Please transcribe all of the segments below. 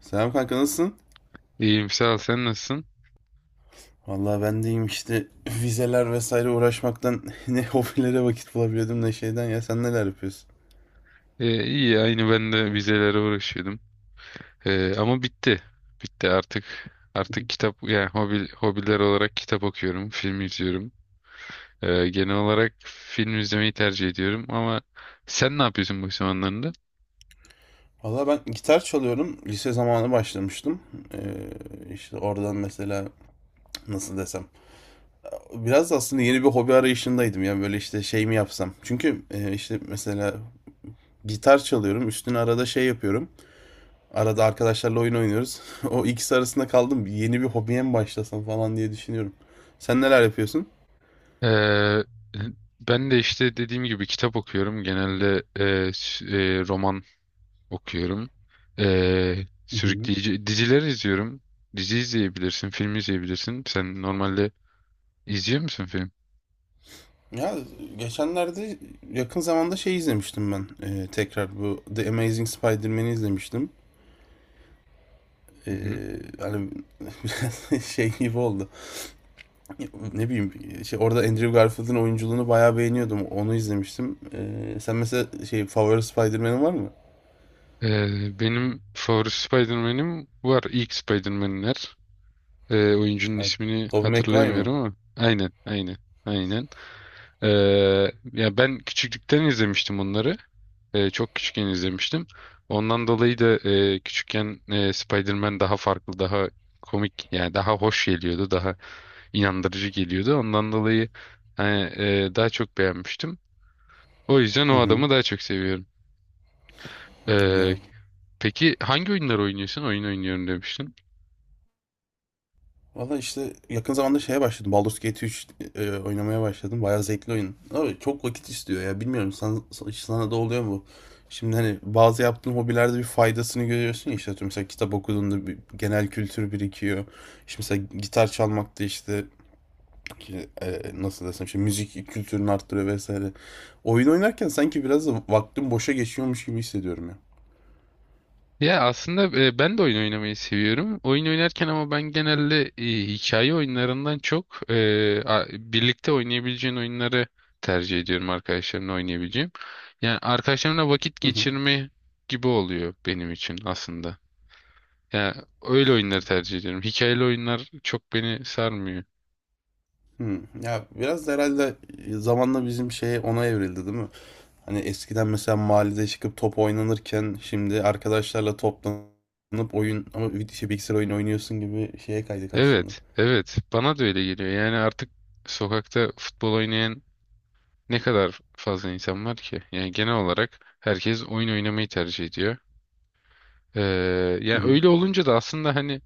Selam kanka, nasılsın? İyiyim sağ ol, sen nasılsın? Vallahi ben deyim işte vizeler vesaire uğraşmaktan ne hobilere vakit bulabiliyordum ne şeyden, ya sen neler yapıyorsun? İyi aynı, ben de vizelere uğraşıyordum. Ama bitti. Bitti artık. Artık kitap, yani hobiler olarak kitap okuyorum, film izliyorum. Genel olarak film izlemeyi tercih ediyorum ama sen ne yapıyorsun bu zamanlarında? Valla ben gitar çalıyorum. Lise zamanı başlamıştım. Ee, işte oradan mesela nasıl desem. Biraz da aslında yeni bir hobi arayışındaydım ya, böyle işte şey mi yapsam. Çünkü işte mesela gitar çalıyorum. Üstüne arada şey yapıyorum. Arada arkadaşlarla oyun oynuyoruz. O ikisi arasında kaldım. Yeni bir hobiye mi başlasam falan diye düşünüyorum. Sen neler yapıyorsun? Ee, Ben de işte dediğim gibi kitap okuyorum. Genelde roman okuyorum. Sürükleyici diziler izliyorum. Dizi izleyebilirsin, film izleyebilirsin. Sen normalde izliyor musun film? Ya geçenlerde, yakın zamanda şey izlemiştim ben. Tekrar bu The Amazing Spider-Man'i izlemiştim. Hı hı. Hani biraz şey gibi oldu. Ne bileyim şey, orada Andrew Garfield'ın oyunculuğunu bayağı beğeniyordum. Onu izlemiştim. Sen mesela şey, favori Spider-Man'in var mı? Benim favori Spider-Man'im var. İlk Spider-Man'ler. Oyuncunun Evet. ismini Tobey Maguire mı? hatırlayamıyorum ama. Aynen, aynen, aynen. Ee, Ya ben küçüklükten izlemiştim onları. Çok küçükken izlemiştim. Ondan dolayı da küçükken Spider-Man daha farklı, daha komik, yani daha hoş geliyordu, daha inandırıcı geliyordu. Ondan dolayı hani, daha çok beğenmiştim. O yüzden Hı o hı. adamı daha çok seviyorum. Ee, Anladım. Peki hangi oyunlar oynuyorsun? Oyun oynuyorum demiştin. Valla işte yakın zamanda şeye başladım. Baldur's Gate 3 oynamaya başladım. Bayağı zevkli oyun. Ama çok vakit istiyor ya. Bilmiyorum sana, sana da oluyor mu? Şimdi hani bazı yaptığın hobilerde bir faydasını görüyorsun ya, işte atıyorum mesela kitap okuduğunda bir genel kültür birikiyor. İşte mesela gitar çalmak da işte nasıl desem, işte müzik kültürünü arttırıyor vesaire. Oyun oynarken sanki biraz da vaktim boşa geçiyormuş gibi hissediyorum Ya aslında ben de oyun oynamayı seviyorum. Oyun oynarken ama ben genelde hikaye oyunlarından çok birlikte oynayabileceğin oyunları tercih ediyorum, arkadaşlarımla oynayabileceğim. Yani arkadaşlarımla vakit ya. geçirme gibi oluyor benim için aslında. Yani öyle oyunları tercih ediyorum. Hikayeli oyunlar çok beni sarmıyor. Hmm. Ya biraz da herhalde zamanla bizim şey ona evrildi, değil mi? Hani eskiden mesela mahallede çıkıp top oynanırken şimdi arkadaşlarla toplanıp oyun, ama bir şey, bilgisayar oyunu oynuyorsun gibi şeye kaydık aslında. Evet, evet. Bana da öyle geliyor. Yani artık sokakta futbol oynayan ne kadar fazla insan var ki? Yani genel olarak herkes oyun oynamayı tercih ediyor. Ee, Hı Yani hı. öyle olunca da aslında hani,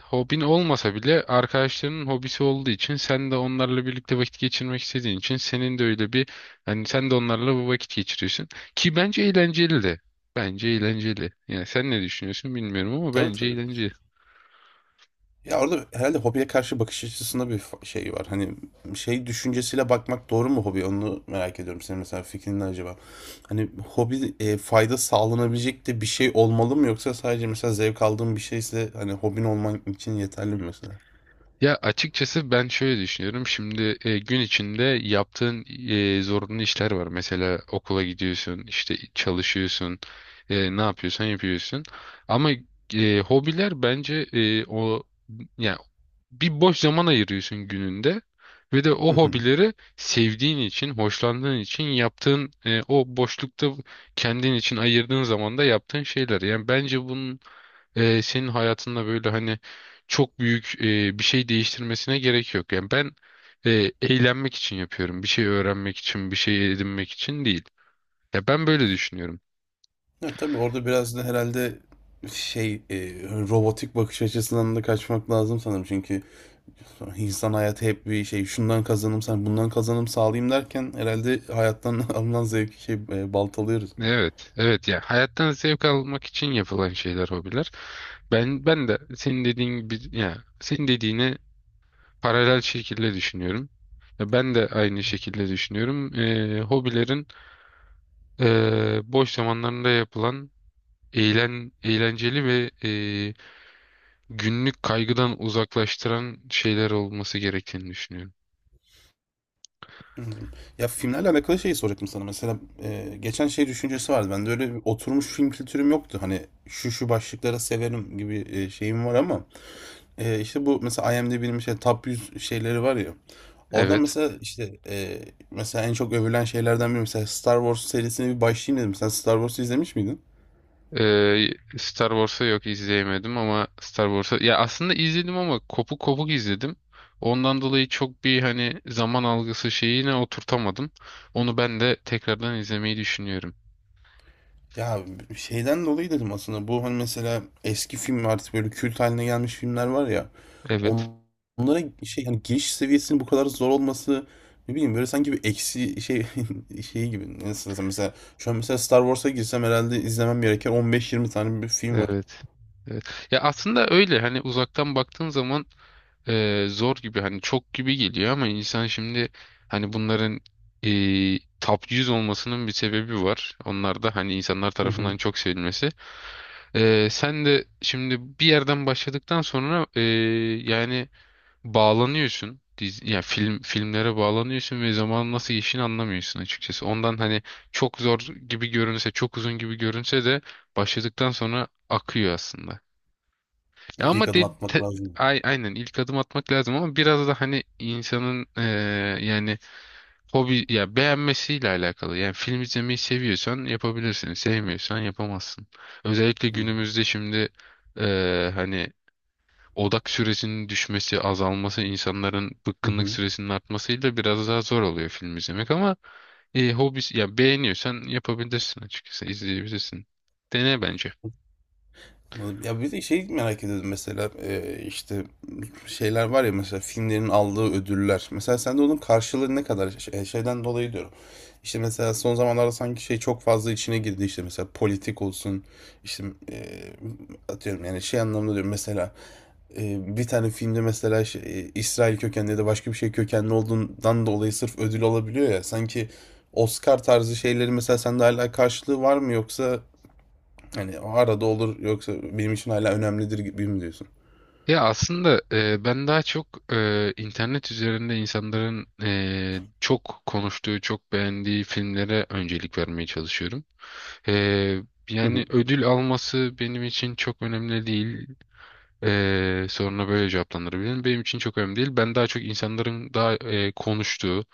hobin olmasa bile arkadaşlarının hobisi olduğu için sen de onlarla birlikte vakit geçirmek istediğin için, senin de öyle bir, hani sen de onlarla bu vakit geçiriyorsun ki bence eğlenceli de. Bence eğlenceli. Yani sen ne düşünüyorsun bilmiyorum ama Tabii, bence tabii. eğlenceli. Ya orada herhalde hobiye karşı bakış açısında bir fa- şey var. Hani şey düşüncesiyle bakmak doğru mu hobi? Onu merak ediyorum. Senin mesela fikrin ne acaba? Hani hobi fayda sağlanabilecek de bir şey olmalı mı, yoksa sadece mesela zevk aldığın bir şeyse hani hobin olman için yeterli mi mesela? Ya açıkçası ben şöyle düşünüyorum. Şimdi gün içinde yaptığın zorunlu işler var. Mesela okula gidiyorsun, işte çalışıyorsun, ne yapıyorsan yapıyorsun. Ama hobiler bence, o yani bir boş zaman ayırıyorsun gününde ve de Hı o hı. hobileri sevdiğin için, hoşlandığın için yaptığın, o boşlukta kendin için ayırdığın zaman da yaptığın şeyler. Yani bence bunun senin hayatında böyle hani çok büyük bir şey değiştirmesine gerek yok. Yani ben eğlenmek için yapıyorum. Bir şey öğrenmek için, bir şey edinmek için değil. Ya ben böyle düşünüyorum. Ya tabii orada biraz da herhalde şey e, robotik bakış açısından da kaçmak lazım sanırım. Çünkü insan hayatı hep bir şey, şundan kazanım sen bundan kazanım sağlayayım derken herhalde hayattan alınan zevki baltalıyoruz. Evet, evet, ya hayattan zevk almak için yapılan şeyler hobiler. Ben de senin dediğin gibi, ya senin dediğini paralel şekilde düşünüyorum. Ya ben de aynı şekilde düşünüyorum. Hobilerin boş zamanlarında yapılan eğlenceli ve günlük kaygıdan uzaklaştıran şeyler olması gerektiğini düşünüyorum. Anladım. Ya filmlerle alakalı şeyi soracaktım sana. Mesela geçen şey düşüncesi vardı. Bende öyle bir oturmuş film kültürüm yoktu. Hani şu şu başlıklara severim gibi şeyim var ama işte, bu mesela IMDb'nin mesela top 100 şeyleri var ya, orada Evet. mesela, mesela en çok övülen şeylerden biri, mesela Star Wars serisine bir başlayayım dedim. Sen Star Wars'u izlemiş miydin? Star Wars'a yok, izleyemedim, ama Star Wars'a ya aslında izledim ama kopuk kopuk izledim. Ondan dolayı çok bir hani zaman algısı şeyine oturtamadım. Onu ben de tekrardan izlemeyi düşünüyorum. Ya, şeyden dolayı dedim aslında bu, hani, mesela eski film, artık böyle kült haline gelmiş filmler var ya, Evet. on- onlara şey, hani, giriş seviyesinin bu kadar zor olması, ne bileyim, böyle sanki bir eksi şey şeyi gibi, nasıl desem, mesela şu an mesela Star Wars'a girsem herhâlde izlemem gereken 15-20 tane bir film var. Evet. Evet. Ya aslında öyle hani uzaktan baktığın zaman zor gibi, hani çok gibi geliyor, ama insan şimdi hani bunların top 100 olmasının bir sebebi var. Onlar da hani insanlar Hı tarafından hı. çok sevilmesi. Sen de şimdi bir yerden başladıktan sonra, yani bağlanıyorsun. Dizi, yani filmlere bağlanıyorsun ve zaman nasıl geçtiğini anlamıyorsun açıkçası. Ondan hani çok zor gibi görünse, çok uzun gibi görünse de başladıktan sonra akıyor aslında. Ya Ya, ilk Ama adım de, atmak te- lazım. ay- aynen ilk adım atmak lazım, ama biraz da hani insanın, yani hobi ya beğenmesiyle alakalı. Yani film izlemeyi seviyorsan yapabilirsin, sevmiyorsan yapamazsın. Özellikle Hı. günümüzde şimdi hani odak süresinin düşmesi, azalması, insanların Hı bıkkınlık hı. süresinin artmasıyla biraz daha zor oluyor film izlemek, ama hobisi ya beğeniyorsan yapabilirsin, açıkçası izleyebilirsin. Dene bence. Anladım. Ya bir de şey merak ediyordum, mesela işte şeyler var ya, mesela filmlerin aldığı ödüller. Mesela sen de onun karşılığı ne kadar, şey- şeyden dolayı diyorum. İşte mesela son zamanlarda sanki şey çok fazla içine girdi, işte mesela politik olsun işte, e, atıyorum yani şey anlamda diyorum, mesela bir tane filmde mesela İsrail kökenli ya da başka bir şey kökenli olduğundan dolayı sırf ödül alabiliyor ya, sanki Oscar tarzı şeyleri mesela sende hala karşılığı var mı, yoksa hani o arada olur yoksa benim için hala önemlidir gibi mi diyorsun? Ya aslında ben daha çok internet üzerinde insanların çok konuştuğu, çok beğendiği filmlere öncelik vermeye çalışıyorum. E, Hı Yani hı. ödül alması benim için çok önemli değil. Soruna böyle cevaplandırabilirim. Benim için çok önemli değil. Ben daha çok insanların daha konuştuğu,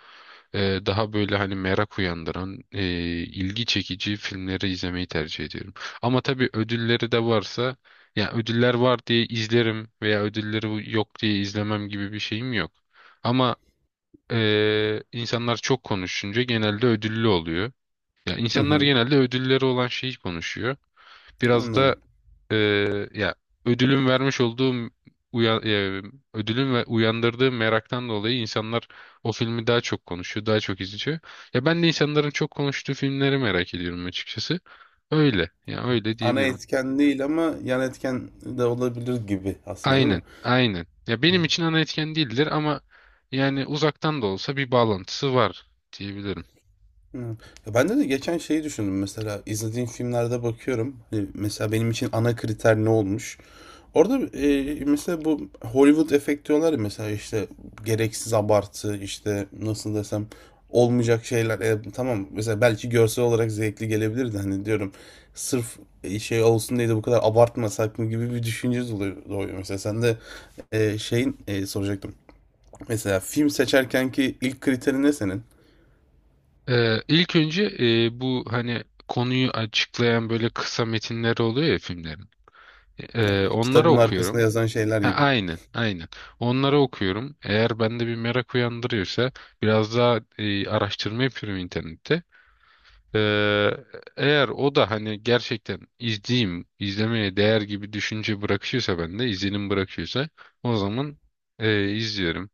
daha böyle hani merak uyandıran, ilgi çekici filmleri izlemeyi tercih ediyorum. Ama tabii ödülleri de varsa, ya ödüller var diye izlerim veya ödülleri yok diye izlemem gibi bir şeyim yok. Ama insanlar çok konuşunca genelde ödüllü oluyor. Ya Hı insanlar hı. genelde ödülleri olan şeyi konuşuyor. Biraz da Anladım. e, ya ödülün vermiş olduğum uya, e, ödülün ve uyandırdığı meraktan dolayı insanlar o filmi daha çok konuşuyor, daha çok izliyor. Ya ben de insanların çok konuştuğu filmleri merak ediyorum açıkçası. Öyle. Ya öyle Ana diyebilirim. etken değil ama yan etken de olabilir gibi aslında, değil mi? Aynen, aynen. Ya benim için ana etken değildir, ama yani uzaktan da olsa bir bağlantısı var diyebilirim. Evet. Ya ben de geçen şeyi düşündüm, mesela izlediğim filmlerde bakıyorum, hani mesela benim için ana kriter ne olmuş orada. Mesela bu Hollywood efekt diyorlar ya, mesela işte gereksiz abartı, işte nasıl desem olmayacak şeyler. E, tamam, mesela belki görsel olarak zevkli gelebilirdi, hani diyorum sırf şey olsun diye de bu kadar abartmasak mı gibi bir düşünce oluyor, doğuyor. Mesela sen de soracaktım, mesela film seçerken ki ilk kriterin ne senin? İlk önce bu hani konuyu açıklayan böyle kısa metinler oluyor ya filmlerin. Kitabın Onları yani arkasında okuyorum. yazan şeyler Ha, gibi. Hı, aynen, aynen. Onları okuyorum. Eğer bende bir merak uyandırıyorsa biraz daha araştırma yapıyorum internette. Ee, Eğer o da hani gerçekten izleyeyim, izlemeye değer gibi düşünce bırakıyorsa bende, izlenim bırakıyorsa, o zaman izliyorum.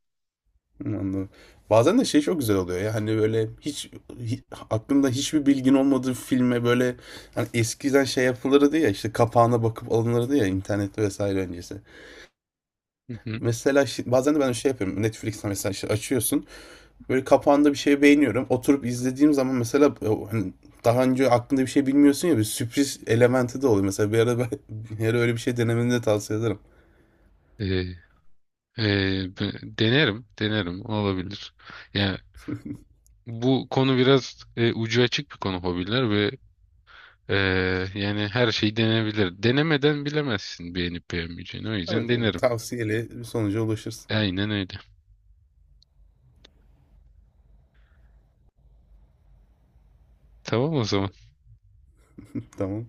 anladım. Bazen de şey çok güzel oluyor ya, hani aklında hiçbir bilgin olmadığı filme böyle, hani eskiden şey yapılırdı ya, işte kapağına bakıp alınırdı ya internette vesaire öncesi. Hı hı. Mesela bazen de ben şey yapıyorum Netflix'te, mesela işte açıyorsun, böyle kapağında bir şey beğeniyorum, oturup izlediğim zaman mesela o hani daha önce aklında bir şey bilmiyorsun ya, bir sürpriz elementi de oluyor. Mesela bir ara, ben, bir ara öyle bir şey denemeni de tavsiye ederim. E, Denerim, denerim olabilir. Yani bu konu biraz ucu açık bir konu, hobiler ve yani her şey denebilir. Denemeden bilemezsin beğenip beğenmeyeceğini. O yüzden Evet, evet. denerim. Tavsiyeli bir sonuca ulaşırsın. Aynen öyle. Tamam o zaman. Tamam.